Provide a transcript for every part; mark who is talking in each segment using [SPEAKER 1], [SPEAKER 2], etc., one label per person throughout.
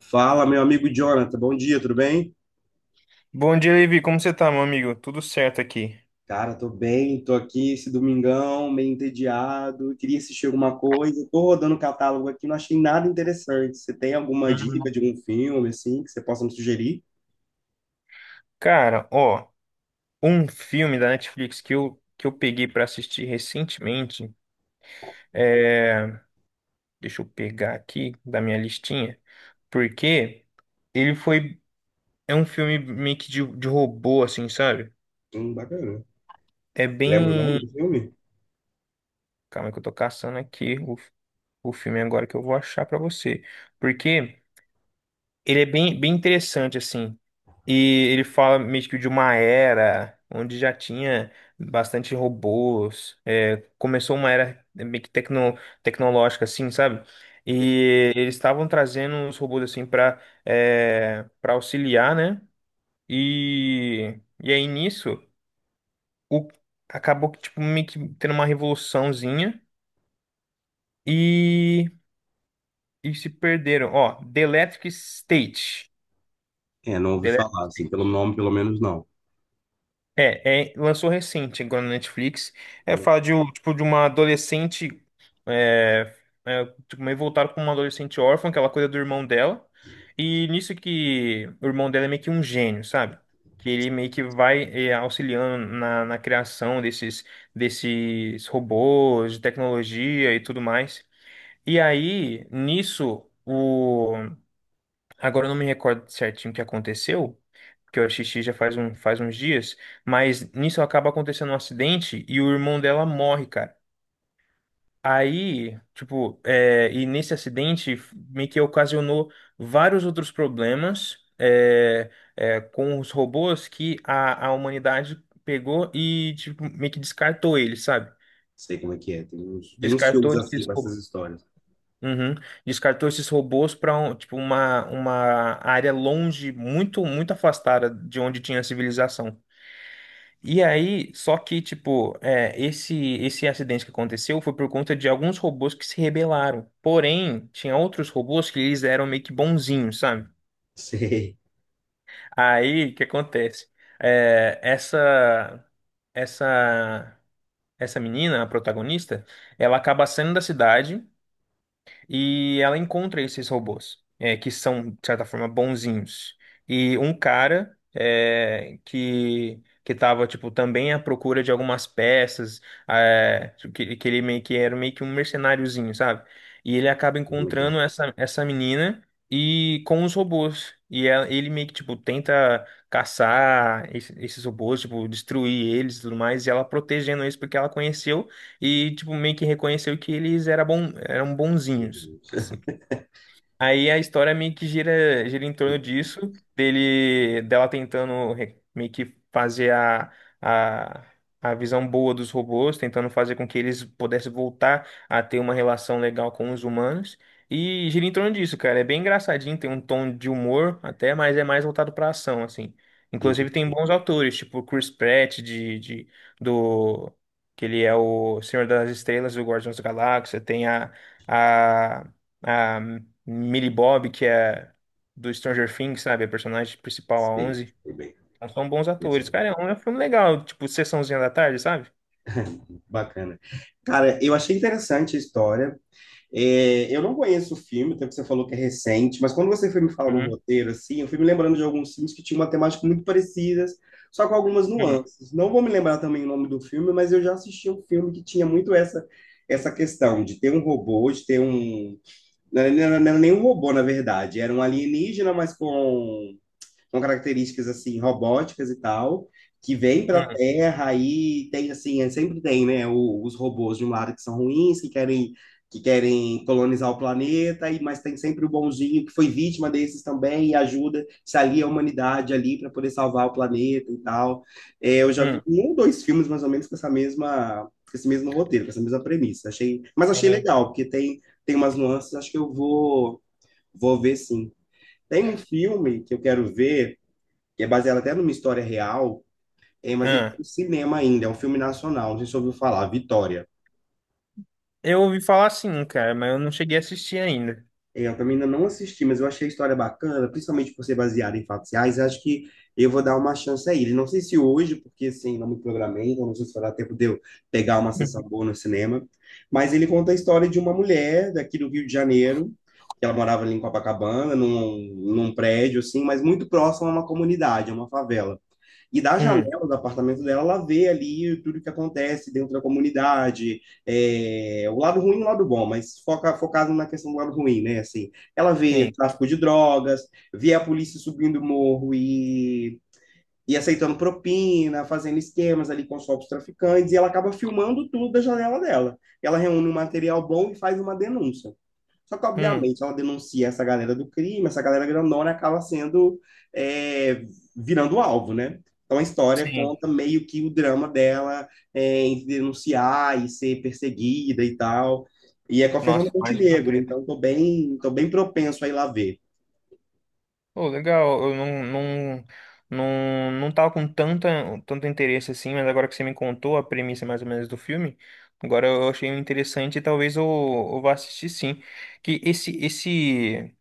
[SPEAKER 1] Fala, meu amigo Jonathan, bom dia, tudo bem?
[SPEAKER 2] Bom dia, Levi. Como você tá, meu amigo? Tudo certo aqui.
[SPEAKER 1] Cara, tô bem, tô aqui esse domingão, meio entediado, queria assistir alguma coisa, tô rodando o catálogo aqui, não achei nada interessante. Você tem alguma dica
[SPEAKER 2] Hum,
[SPEAKER 1] de algum filme, assim, que você possa me sugerir?
[SPEAKER 2] Cara, ó, um filme da Netflix que eu peguei pra assistir recentemente. É... Deixa eu pegar aqui da minha listinha. Porque ele foi. É um filme meio que de robô, assim, sabe?
[SPEAKER 1] Bacana.
[SPEAKER 2] É
[SPEAKER 1] Lembra o nome
[SPEAKER 2] bem.
[SPEAKER 1] do filme?
[SPEAKER 2] Calma que eu tô caçando aqui o filme agora que eu vou achar pra você. Porque. Ele é bem, bem interessante, assim. E ele fala meio que de uma era onde já tinha bastante robôs. Começou uma era meio que tecnológica, assim, sabe? E eles estavam trazendo os robôs, assim, para auxiliar, né? E aí nisso, o, acabou que, tipo, meio que tendo uma revoluçãozinha. E, e se perderam. Ó, The Electric State.
[SPEAKER 1] É, não ouvi
[SPEAKER 2] The Electric
[SPEAKER 1] falar, assim,
[SPEAKER 2] State.
[SPEAKER 1] pelo nome, pelo menos não.
[SPEAKER 2] Lançou recente agora na Netflix.
[SPEAKER 1] Falei.
[SPEAKER 2] Fala de, tipo, de uma adolescente. É, tipo, meio voltado com uma adolescente órfã, que ela cuida do irmão dela. E nisso que o irmão dela é meio que um gênio, sabe? Que ele meio que vai auxiliando na criação desses robôs, de tecnologia e tudo mais. E aí, nisso, o agora eu não me recordo certinho o que aconteceu, porque eu assisti já faz uns dias, mas nisso acaba acontecendo um acidente e o irmão dela morre, cara. Aí, tipo, e nesse acidente meio que ocasionou vários outros problemas com os robôs que a humanidade pegou e, tipo, meio que descartou eles, sabe?
[SPEAKER 1] Sei como é que é, tem uns
[SPEAKER 2] Descartou
[SPEAKER 1] filmes assim
[SPEAKER 2] esses
[SPEAKER 1] com
[SPEAKER 2] robôs.
[SPEAKER 1] essas histórias.
[SPEAKER 2] Uhum. Descartou esses robôs para tipo uma área longe, muito muito afastada de onde tinha a civilização. E aí, só que tipo, esse acidente que aconteceu foi por conta de alguns robôs que se rebelaram. Porém, tinha outros robôs que eles eram meio que bonzinhos, sabe?
[SPEAKER 1] Sei.
[SPEAKER 2] Aí, o que acontece? É, essa essa essa menina, a protagonista, ela acaba saindo da cidade. E ela encontra esses robôs, que são, de certa forma, bonzinhos. E um cara que tava, tipo, também à procura de algumas peças, que ele meio que era meio que um mercenáriozinho, sabe? E ele acaba
[SPEAKER 1] Como é que é?
[SPEAKER 2] encontrando essa menina e com os robôs. E ele meio que, tipo, tenta caçar esses robôs, tipo, destruir eles e tudo mais, e ela protegendo eles porque ela conheceu e, tipo, meio que reconheceu que eles era bom, eram bonzinhos,
[SPEAKER 1] Uhum.
[SPEAKER 2] assim. Aí a história meio que gira, gira em torno disso, dele, dela tentando meio que fazer a, a visão boa dos robôs, tentando fazer com que eles pudessem voltar a ter uma relação legal com os humanos. E gira em torno disso, cara. É bem engraçadinho, tem um tom de humor até, mas é mais voltado pra ação, assim. Inclusive tem
[SPEAKER 1] Entendi.
[SPEAKER 2] bons autores, tipo Chris Pratt, do, que ele é o Senhor das Estrelas do Guardiões da Galáxia. Tem a, a Millie Bob, que é do Stranger Things, sabe? A personagem principal, a
[SPEAKER 1] Sei,
[SPEAKER 2] Onze.
[SPEAKER 1] foi bem.
[SPEAKER 2] Então, são bons
[SPEAKER 1] Isso.
[SPEAKER 2] atores. Cara, é um filme legal, tipo, sessãozinha da tarde, sabe?
[SPEAKER 1] Bacana. Cara, eu achei interessante a história. É, eu não conheço o filme, até que você falou que é recente, mas quando você foi me falar no
[SPEAKER 2] Uhum.
[SPEAKER 1] roteiro, assim, eu fui me lembrando de alguns filmes que tinham uma temática muito parecida, só com algumas
[SPEAKER 2] Hum,
[SPEAKER 1] nuances. Não vou me lembrar também o nome do filme, mas eu já assisti um filme que tinha muito essa questão de ter um robô, de ter um... Não era nem um robô, na verdade, era um alienígena, mas com características assim robóticas e tal, que vêm para a
[SPEAKER 2] hum,
[SPEAKER 1] Terra e tem assim, sempre tem, né, os robôs de um lado que são ruins, que querem colonizar o planeta, e mas tem sempre o bonzinho que foi vítima desses também e ajuda, se alia à humanidade ali para poder salvar o planeta e tal. É, eu já vi
[SPEAKER 2] hum,
[SPEAKER 1] um ou dois filmes mais ou menos com essa mesma com esse mesmo roteiro, com essa mesma premissa. Achei, mas achei
[SPEAKER 2] sim.
[SPEAKER 1] legal, porque tem tem umas nuances, acho que eu vou ver sim. Tem um filme que eu quero ver que é baseado até numa história real, é, mas ele tá
[SPEAKER 2] Ah,
[SPEAKER 1] no cinema ainda, é um filme nacional, não sei se você ouviu falar, Vitória.
[SPEAKER 2] eu ouvi falar sim, cara, mas eu não cheguei a assistir ainda.
[SPEAKER 1] É, eu também ainda não assisti, mas eu achei a história bacana, principalmente por ser baseada em fatos reais, acho que eu vou dar uma chance a ele. Não sei se hoje, porque assim, não me programei, então não sei se vai dar tempo de eu pegar uma sessão
[SPEAKER 2] Uhum.
[SPEAKER 1] boa no cinema, mas ele conta a história de uma mulher daqui do Rio de Janeiro, que ela morava ali em Copacabana, num prédio, assim, mas muito próximo a uma comunidade, a uma favela. E da
[SPEAKER 2] Hum,
[SPEAKER 1] janela do apartamento dela, ela vê ali tudo que acontece dentro da comunidade, é, o lado ruim e o lado bom, mas focado na questão do lado ruim, né? Assim, ela vê
[SPEAKER 2] sim.
[SPEAKER 1] tráfico de drogas, vê a polícia subindo o morro e aceitando propina, fazendo esquemas ali com os próprios traficantes, e ela acaba filmando tudo da janela dela. Ela reúne um material bom e faz uma denúncia. Só que,
[SPEAKER 2] Hum,
[SPEAKER 1] obviamente, ela denuncia essa galera do crime, essa galera grandona acaba sendo, é, virando um alvo, né? Então, a história
[SPEAKER 2] sim.
[SPEAKER 1] conta meio que o drama dela é, em denunciar e ser perseguida e tal. E é com a Fernanda
[SPEAKER 2] Nossa, mais uma
[SPEAKER 1] Montenegro,
[SPEAKER 2] treta.
[SPEAKER 1] então tô bem propenso a ir lá ver.
[SPEAKER 2] Pô, legal, eu não tava com tanto interesse assim, mas agora que você me contou a premissa mais ou menos do filme, agora eu achei interessante e talvez eu vá assistir sim. Que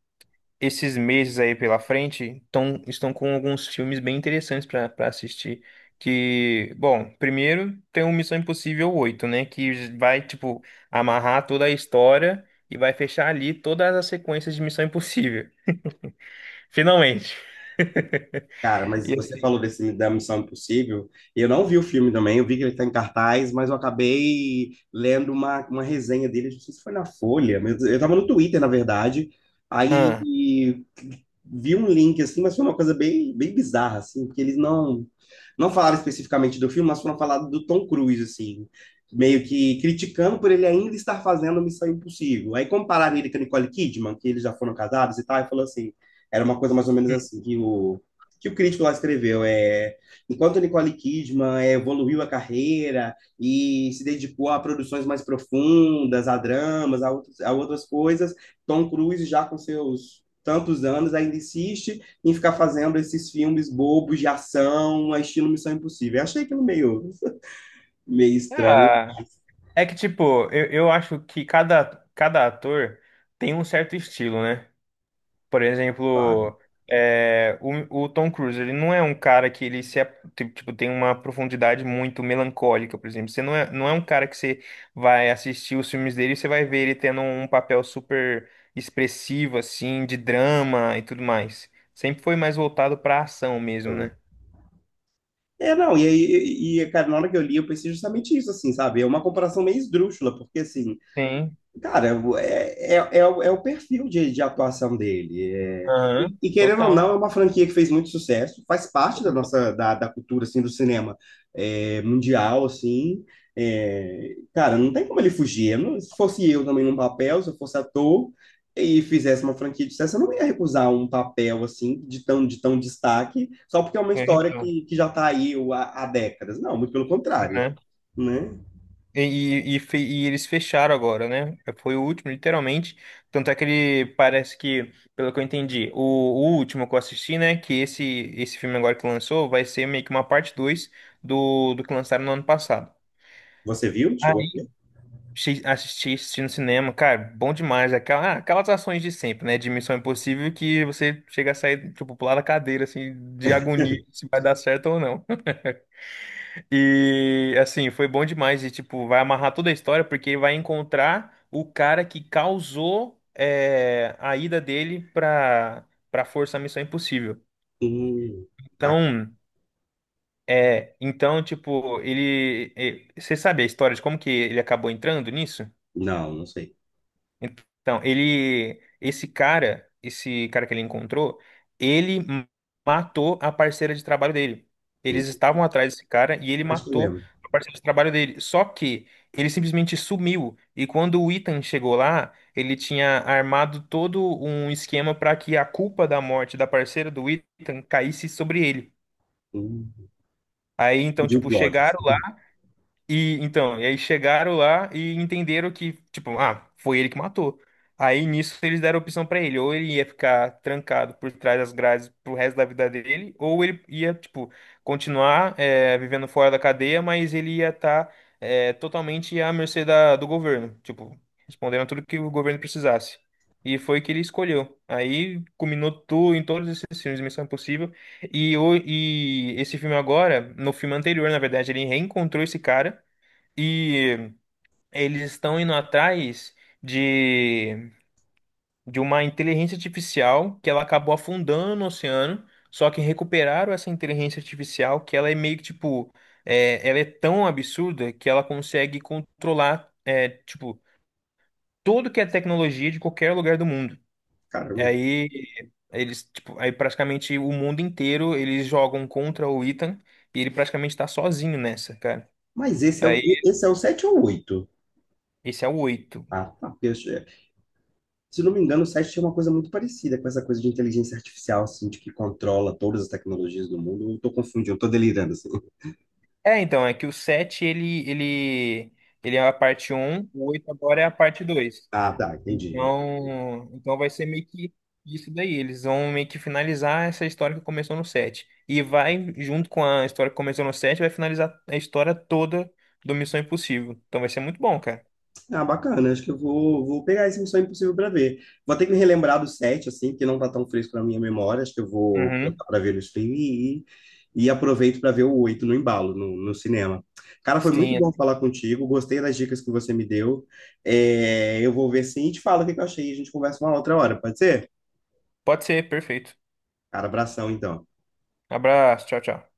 [SPEAKER 2] esses meses aí pela frente estão com alguns filmes bem interessantes para assistir. Que, bom, primeiro tem o Missão Impossível oito, né? Que vai, tipo, amarrar toda a história e vai fechar ali todas as sequências de Missão Impossível. Finalmente.
[SPEAKER 1] Cara, mas
[SPEAKER 2] E
[SPEAKER 1] você
[SPEAKER 2] assim,
[SPEAKER 1] falou desse da Missão Impossível, e eu não vi o filme também, eu vi que ele está em cartaz, mas eu acabei lendo uma resenha dele, não sei se foi na Folha, mas eu estava no Twitter, na verdade, aí
[SPEAKER 2] ah,
[SPEAKER 1] vi um link, assim, mas foi uma coisa bem, bem bizarra, assim, porque eles não, não falaram especificamente do filme, mas foram falar do Tom Cruise, assim, meio que criticando por ele ainda estar fazendo Missão Impossível. Aí compararam ele com a Nicole Kidman, que eles já foram casados e tal, e falou assim, era uma coisa mais ou menos
[SPEAKER 2] hum.
[SPEAKER 1] assim, que o crítico lá escreveu é enquanto Nicole Kidman é, evoluiu a carreira e se dedicou a produções mais profundas, a dramas, outras a outras coisas, Tom Cruise já com seus tantos anos ainda insiste em ficar fazendo esses filmes bobos de ação, estilo Missão Impossível. Eu achei aquilo meio, meio estranho,
[SPEAKER 2] Ah, é que tipo, eu acho que cada ator tem um certo estilo, né? Por
[SPEAKER 1] sabe?
[SPEAKER 2] exemplo, o Tom Cruise, ele não é um cara que ele se, ap- ti- tipo, tem uma profundidade muito melancólica, por exemplo. Você não é um cara que você vai assistir os filmes dele e você vai ver ele tendo um papel super expressivo, assim, de drama e tudo mais. Sempre foi mais voltado pra ação mesmo,
[SPEAKER 1] Então,
[SPEAKER 2] né?
[SPEAKER 1] é, não, cara, na hora que eu li, eu pensei justamente isso, assim, sabe? É uma comparação meio esdrúxula, porque, assim,
[SPEAKER 2] Sim,
[SPEAKER 1] cara, é, o é o perfil de atuação dele. E,
[SPEAKER 2] aham,
[SPEAKER 1] querendo ou
[SPEAKER 2] total.
[SPEAKER 1] não, é uma franquia que fez muito sucesso, faz parte da cultura assim, do cinema é, mundial, assim. É, cara, não tem como ele fugir. Eu não- Se fosse eu também num papel, se eu fosse ator e fizesse uma franquia de sucesso, eu não ia recusar um papel assim de tão destaque, só porque é uma
[SPEAKER 2] É,
[SPEAKER 1] história
[SPEAKER 2] então,
[SPEAKER 1] que já está aí há décadas. Não, muito pelo contrário,
[SPEAKER 2] né?
[SPEAKER 1] né?
[SPEAKER 2] E eles fecharam agora, né? Foi o último, literalmente. Tanto é que ele parece que, pelo que eu entendi, o último que eu assisti, né? Que esse filme agora que lançou vai ser meio que uma parte 2 do que lançaram no ano passado.
[SPEAKER 1] Você viu? Chegou a
[SPEAKER 2] Aí
[SPEAKER 1] ver?
[SPEAKER 2] assisti no cinema, cara, bom demais. Aquelas ações de sempre, né? De Missão Impossível que você chega a sair, tipo, pular da cadeira, assim, de agonia se vai dar certo ou não. E assim, foi bom demais e tipo, vai amarrar toda a história porque vai encontrar o cara que causou a ida dele pra para Força Missão Impossível.
[SPEAKER 1] Hum.
[SPEAKER 2] Então, então tipo, você sabe a história de como que ele acabou entrando nisso?
[SPEAKER 1] Não, não sei.
[SPEAKER 2] Então, esse cara que ele encontrou, ele matou a parceira de trabalho dele.
[SPEAKER 1] Hum.
[SPEAKER 2] Eles estavam atrás desse cara e ele
[SPEAKER 1] Acho que eu
[SPEAKER 2] matou
[SPEAKER 1] lembro.
[SPEAKER 2] a parceira de trabalho dele. Só que ele simplesmente sumiu. E quando o Ethan chegou lá, ele tinha armado todo um esquema para que a culpa da morte da parceira do Ethan caísse sobre ele.
[SPEAKER 1] Hum.
[SPEAKER 2] Aí então,
[SPEAKER 1] De um
[SPEAKER 2] tipo,
[SPEAKER 1] plot,
[SPEAKER 2] chegaram
[SPEAKER 1] assim.
[SPEAKER 2] e então, e aí chegaram lá e entenderam que, tipo, ah, foi ele que matou. Aí nisso eles deram a opção pra ele, ou ele ia ficar trancado por trás das grades pro resto da vida dele, ou ele ia, tipo, continuar vivendo fora da cadeia, mas ele ia estar totalmente à mercê do governo, tipo, respondendo a tudo que o governo precisasse. E foi o que ele escolheu. Aí culminou tudo em todos esses filmes, Missão Impossível. E esse filme agora, no filme anterior, na verdade, ele reencontrou esse cara. E eles estão indo atrás de, de uma inteligência artificial que ela acabou afundando no oceano. Só que recuperaram essa inteligência artificial que ela é meio que tipo. Ela é tão absurda que ela consegue controlar, tipo, tudo que é tecnologia de qualquer lugar do mundo.
[SPEAKER 1] Caramba.
[SPEAKER 2] Aí eles, tipo, aí praticamente o mundo inteiro eles jogam contra o Ethan e ele praticamente tá sozinho nessa, cara.
[SPEAKER 1] Mas esse é,
[SPEAKER 2] Aí
[SPEAKER 1] esse é o 7 ou o oito?
[SPEAKER 2] esse é o oito.
[SPEAKER 1] Ah, tá. Porque se não me engano, o 7 tinha uma coisa muito parecida com essa coisa de inteligência artificial, assim, de que controla todas as tecnologias do mundo. Eu tô confundindo, eu tô delirando, assim.
[SPEAKER 2] É, então, é que o 7, ele é a parte um, o 8 agora é a parte 2.
[SPEAKER 1] Ah, tá, entendi.
[SPEAKER 2] Então vai ser meio que isso daí. Eles vão meio que finalizar essa história que começou no 7. E vai, junto com a história que começou no 7, vai finalizar a história toda do Missão Impossível. Então vai ser muito bom, cara.
[SPEAKER 1] Ah, bacana. Acho que vou pegar esse Missão Impossível para ver. Vou ter que me relembrar do set, assim, que não tá tão fresco na minha memória. Acho que eu vou
[SPEAKER 2] Uhum.
[SPEAKER 1] colocar para ver no streaming e aproveito para ver o 8 no embalo, no cinema. Cara, foi muito
[SPEAKER 2] Sim.
[SPEAKER 1] bom falar contigo. Gostei das dicas que você me deu. É, eu vou ver sim e te falo o que que eu achei. A gente conversa uma outra hora, pode ser?
[SPEAKER 2] Pode ser, perfeito.
[SPEAKER 1] Cara, abração então.
[SPEAKER 2] Abraço, tchau, tchau.